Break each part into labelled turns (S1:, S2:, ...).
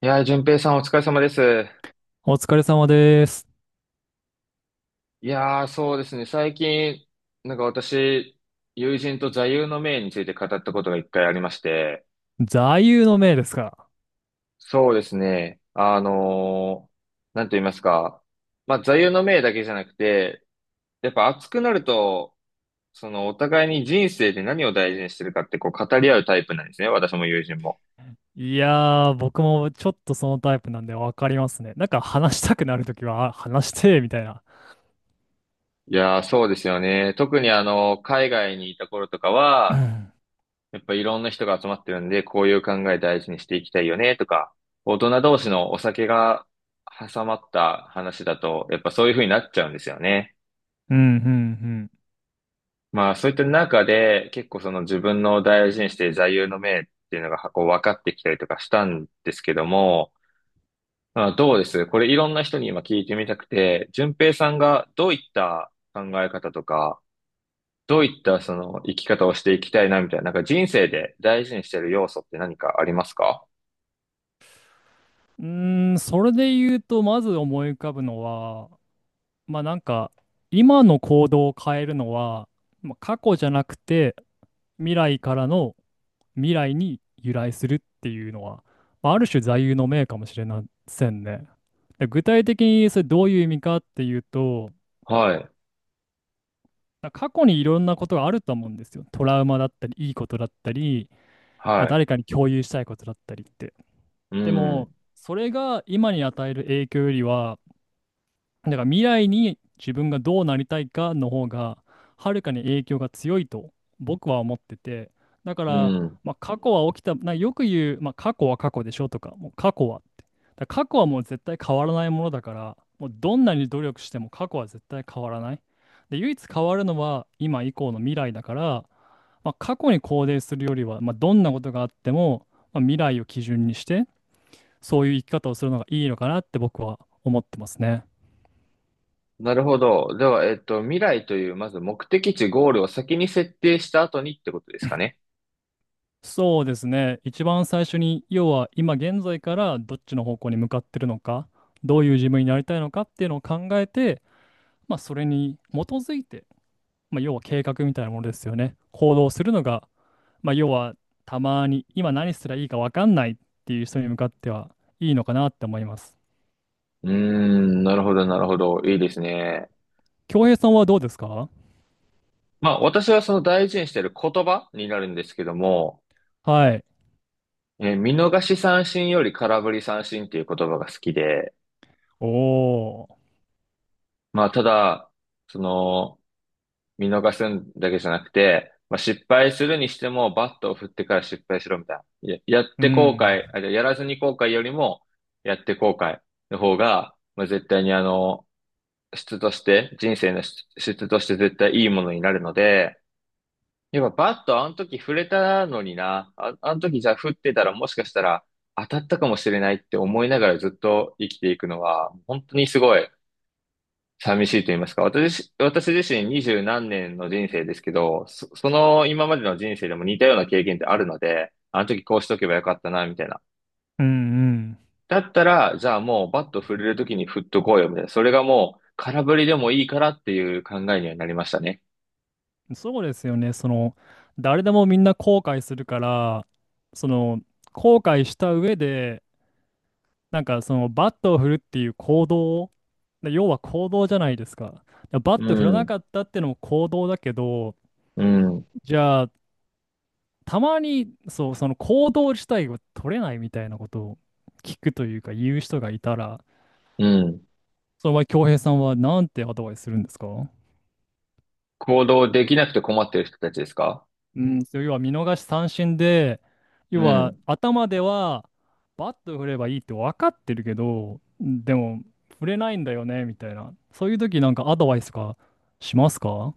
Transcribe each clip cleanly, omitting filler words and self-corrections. S1: いやー、淳平さんお疲れ様です。
S2: お疲れ様です。
S1: いやー、そうですね。最近、私、友人と座右の銘について語ったことが一回ありまして、
S2: 座右の銘ですか。
S1: そうですね。なんと言いますか。まあ、座右の銘だけじゃなくて、やっぱ熱くなると、そのお互いに人生で何を大事にしてるかってこう語り合うタイプなんですね。私も友人も。
S2: いやー、僕もちょっとそのタイプなんでわかりますね。なんか話したくなるときは、あ、話して、みたいな。
S1: いやー、そうですよね。特にあの、海外にいた頃とか
S2: う
S1: は、
S2: ん
S1: やっぱいろんな人が集まってるんで、こういう考え大事にしていきたいよねとか、大人同士のお酒が挟まった話だと、やっぱそういう風になっちゃうんですよね。
S2: うんうん
S1: まあそういった中で、結構その自分の大事にしている座右の銘っていうのがこう分かってきたりとかしたんですけども、まあ、どうですこれいろんな人に今聞いてみたくて、順平さんがどういった考え方とか、どういったその生き方をしていきたいなみたいな、なんか人生で大事にしている要素って何かありますか？
S2: うん。うーん、それで言うと、まず思い浮かぶのは、まあ、なんか、今の行動を変えるのは、まあ、過去じゃなくて、未来からの未来に由来するっていうのは、まあ、ある種座右の銘かもしれませんね。で、具体的にそれどういう意味かっていうと、
S1: はい。
S2: だから過去にいろんなことがあると思うんですよ。トラウマだったり、いいことだったり、まあ、
S1: は
S2: 誰かに共有したいことだったりって。
S1: い。う
S2: でも、
S1: ん。
S2: それが今に与える影響よりは、だから未来に自分がどうなりたいかの方がはるかに影響が強いと僕は思ってて。だか
S1: う
S2: ら、
S1: ん。
S2: まあ、過去は起きたなよく言う、まあ、過去は過去でしょとか、もう過去はってだから過去はもう絶対変わらないものだから、もうどんなに努力しても過去は絶対変わらない。で、唯一変わるのは今以降の未来だから、まあ、過去に肯定するよりは、まあ、どんなことがあっても、まあ、未来を基準にしてそういう生き方をするのがいいのかなって僕は思ってますね。
S1: なるほど。では、未来という、まず目的地、ゴールを先に設定した後にってことですかね。
S2: そうですね。一番最初に、要は今現在からどっちの方向に向かってるのか、どういう自分になりたいのかっていうのを考えて、まあ、それに基づいて、まあ、要は計画みたいなものですよね。行動するのが、まあ、要はたまに今何すりゃいいか分かんないっていう人に向かってはいいのかなって思います。
S1: うーん。なるほど、なるほど。いいですね。
S2: 恭平さんはどうですか？
S1: まあ、私はその大事にしている言葉になるんですけども、
S2: はい。
S1: 見逃し三振より空振り三振っていう言葉が好きで、
S2: おー。
S1: まあ、ただ、その、見逃すんだけじゃなくて、まあ、失敗するにしても、バットを振ってから失敗しろみたいな。やっ
S2: う
S1: て後
S2: ん。
S1: 悔、じゃやらずに後悔よりも、やって後悔の方が、まあ、絶対にあの、質として、人生の質として絶対いいものになるので、やっぱバットあの時触れたのにな、あ、あの時じゃあ振ってたらもしかしたら当たったかもしれないって思いながらずっと生きていくのは、本当にすごい寂しいと言いますか。私自身二十何年の人生ですけど、その今までの人生でも似たような経験ってあるので、あの時こうしとけばよかったな、みたいな。
S2: うんうん。
S1: だったら、じゃあもうバット振れる時に振っとこうよ、みたいな。それがもう空振りでもいいからっていう考えにはなりましたね。
S2: そうですよね。その、誰でもみんな後悔するから、その、後悔した上で、なんかその、バットを振るっていう行動、で、要は行動じゃないですか。でバ
S1: う
S2: ット振らな
S1: ん、
S2: かったっていうのも行動だけど、
S1: うん、
S2: じゃあ、たまに、そう、その行動自体が取れないみたいなことを聞くというか、言う人がいたら、
S1: うん。
S2: その場合、恭平さんはなんてアドバイスするんですか？
S1: 行動できなくて困ってる人たちですか？
S2: うん、そう、要は見逃し三振で、要
S1: う
S2: は
S1: ん。
S2: 頭ではバット振ればいいって分かってるけど、でも振れないんだよね、みたいな。そういう時なんかアドバイスとかしますか？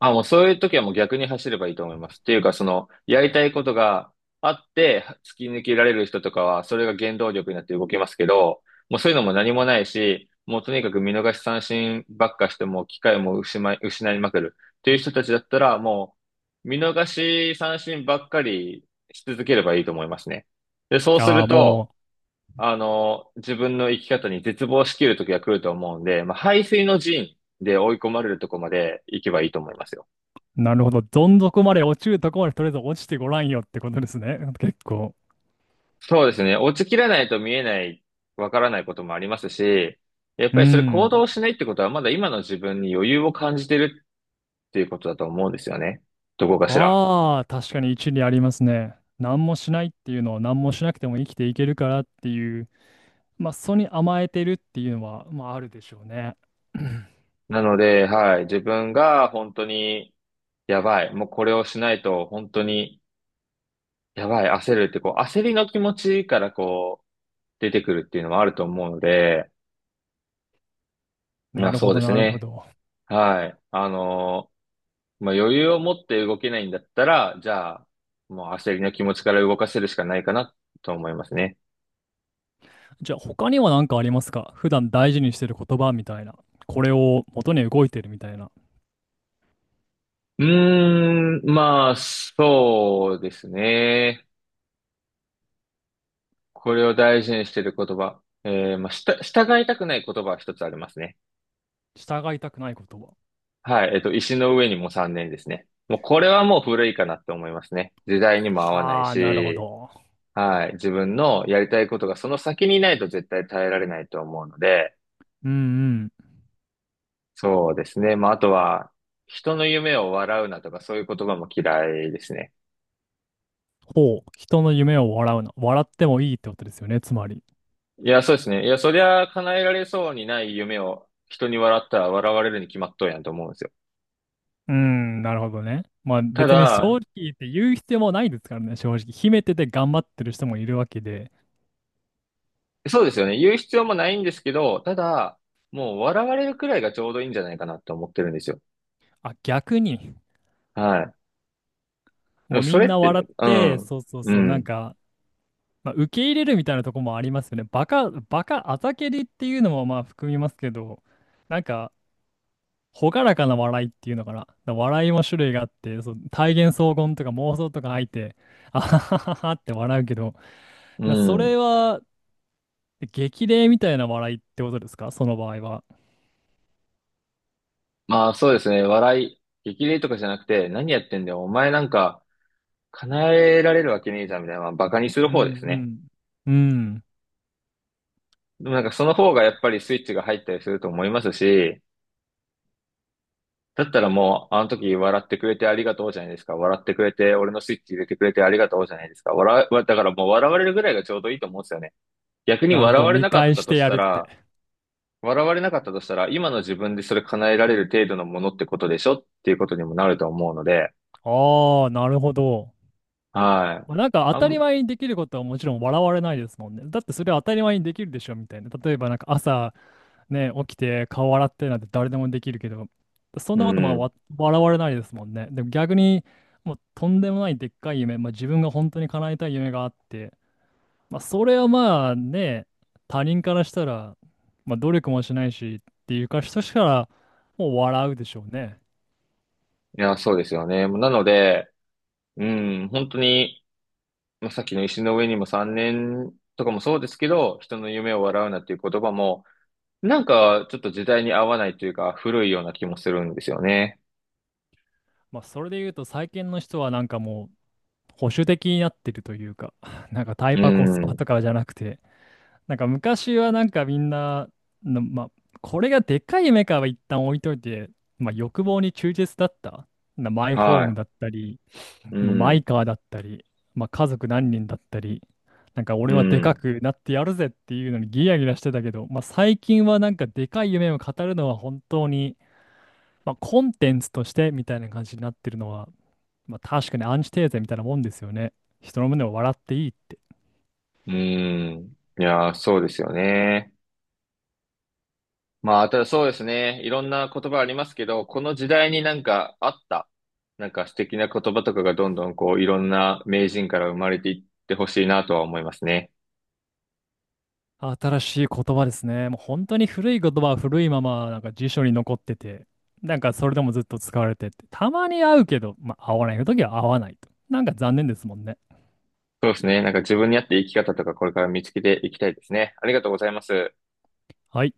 S1: あ、もうそういう時はもう逆に走ればいいと思います。っていうか、その、やりたいことがあって、突き抜けられる人とかは、それが原動力になって動きますけど、もうそういうのも何もないし、もうとにかく見逃し三振ばっかしても、機会も失い、失いまくる。っていう人たちだったら、もう、見逃し三振ばっかりし続ければいいと思いますね。で、そうす
S2: ああ
S1: る
S2: ー、
S1: と、
S2: も
S1: あの、自分の生き方に絶望しきる時が来ると思うんで、まあ、背水の陣で追い込まれるとこまで行けばいいと思いますよ。
S2: う、なるほど。どん底まで落ちるとこまでとりあえず落ちてごらんよってことですね。結構。
S1: そうですね。落ちきらないと見えない、わからないこともありますし、やっ
S2: う
S1: ぱりそれ行
S2: ん。
S1: 動しないってことは、まだ今の自分に余裕を感じてるっていうことだと思うんですよね。どこかしら。
S2: ああ、確かに一理ありますね。何もしないっていうのは何もしなくても生きていけるからっていう、まあ、それに甘えてるっていうのは、まあ、あるでしょうね。
S1: なので、はい。自分が本当に、やばい。もうこれをしないと、本当に、やばい。焦るって、こう、焦りの気持ちからこう、出てくるっていうのはあると思うので、ま
S2: な
S1: あ
S2: るほ
S1: そうで
S2: ど、
S1: す
S2: なるほ
S1: ね。
S2: ど。
S1: はい。あのまあ余裕を持って動けないんだったら、じゃあ、もう焦りの気持ちから動かせるしかないかなと思いますね。
S2: じゃあ、他には何かありますか？普段大事にしてる言葉みたいな。これを元に動いてるみたいな。
S1: うーん、まあ、そうですね。これを大事にしてる言葉。まあ、従いたくない言葉は一つありますね。
S2: 従いたくない言葉。
S1: はい。石の上にも3年ですね。もうこれはもう古いかなって思いますね。時代にも合わない
S2: はあ、なるほ
S1: し、
S2: ど。
S1: はい。自分のやりたいことがその先にないと絶対耐えられないと思うので、
S2: うんうん。
S1: そうですね。まあ、あとは、人の夢を笑うなとか、そういう言葉も嫌いですね。
S2: ほう。人の夢を笑うな。笑ってもいいってことですよね、つまり。
S1: いや、そうですね。いや、そりゃ叶えられそうにない夢を人に笑ったら笑われるに決まっとんやんと思うんですよ。
S2: うん、なるほどね。まあ
S1: た
S2: 別に正
S1: だ、
S2: 直言って言う必要もないですからね、正直。秘めてて頑張ってる人もいるわけで。
S1: そうですよね。言う必要もないんですけど、ただ、もう笑われるくらいがちょうどいいんじゃないかなって思ってるんですよ。
S2: あ、逆に。
S1: はい。で
S2: も
S1: も
S2: うみ
S1: それ
S2: ん
S1: っ
S2: な
S1: て
S2: 笑
S1: ね、
S2: っ
S1: う
S2: て、
S1: ん、
S2: そうそう
S1: う
S2: そう、なん
S1: ん、
S2: かまあ、受け入れるみたいなとこもありますよね。バカ、バカ、あざけりっていうのもまあ含みますけど、なんか、朗らかな笑いっていうのかな。だから笑いも種類があって、そう、体現荘厳とか妄想とか入って、あははははって笑うけど、
S1: う
S2: それ
S1: ん。
S2: は激励みたいな笑いってことですか、その場合は。
S1: まあ、そうですね。笑い、激励とかじゃなくて、何やってんだよ。お前なんか、叶えられるわけねえじゃん、みたいな、まあ、バカにす
S2: う
S1: る方ですね。
S2: んうん。うん。
S1: でもなんかその方がやっぱりスイッチが入ったりすると思いますし、だったらもう、あの時笑ってくれてありがとうじゃないですか。笑ってくれて、俺のスイッチ入れてくれてありがとうじゃないですか。笑う、だからもう笑われるぐらいがちょうどいいと思うんですよね。逆に
S2: なるほ
S1: 笑
S2: ど。
S1: われ
S2: 見
S1: なかっ
S2: 返
S1: た
S2: し
S1: と
S2: て
S1: し
S2: や
S1: た
S2: るっ
S1: ら、
S2: て。
S1: 笑われなかったとしたら、今の自分でそれ叶えられる程度のものってことでしょっていうことにもなると思うので、
S2: ああ、なるほど。
S1: はい。
S2: まあ、なんか当
S1: あ
S2: たり
S1: ん、
S2: 前にできることはもちろん笑われないですもんね。だってそれは当たり前にできるでしょみたいな。例えばなんか朝ね、起きて顔洗ってなんて誰でもできるけど、そん
S1: う
S2: なことまあ
S1: ん。
S2: 笑われないですもんね。でも逆にもうとんでもないでっかい夢、まあ、自分が本当に叶えたい夢があって、まあ、それはまあね、他人からしたら、まあ、努力もしないしっていうか、人しからもう笑うでしょうね。
S1: いや、そうですよね。なので、うん、本当に、まあ、さっきの石の上にも3年とかもそうですけど、人の夢を笑うなっていう言葉も、なんかちょっと時代に合わないというか、古いような気もするんですよね。
S2: まあ、それで言うと最近の人はなんかもう保守的になってるというか、なんかタイ
S1: う
S2: パコスパ
S1: ん。
S2: とかじゃなくて、なんか昔はなんかみんな、まあ、これがでかいメカは一旦置いといて、まあ、欲望に忠実だった。マイホーム
S1: は
S2: だったり、
S1: い。う
S2: まあマイ
S1: ん。
S2: カーだったり、まあ、家族何人だったり、なんか
S1: う
S2: 俺はでか
S1: ん。
S2: くなってやるぜっていうのにギラギラしてたけど、まあ、最近はなんかでかい夢を語るのは本当に、まあ、コンテンツとしてみたいな感じになってるのは、まあ確かにアンチテーゼみたいなもんですよね。人の胸を笑っていいって。
S1: うん。いやー、そうですよね。まあ、ただそうですね。いろんな言葉ありますけど、この時代になんかあった、なんか素敵な言葉とかがどんどんこう、いろんな名人から生まれていってほしいなとは思いますね。
S2: 新しい言葉ですね。もう本当に古い言葉は古いままなんか辞書に残ってて、なんかそれでもずっと使われてて、たまに会うけど、まあ合わない時は合わないと。なんか残念ですもんね。
S1: そうですね。なんか自分に合った生き方とかこれから見つけていきたいですね。ありがとうございます。
S2: はい。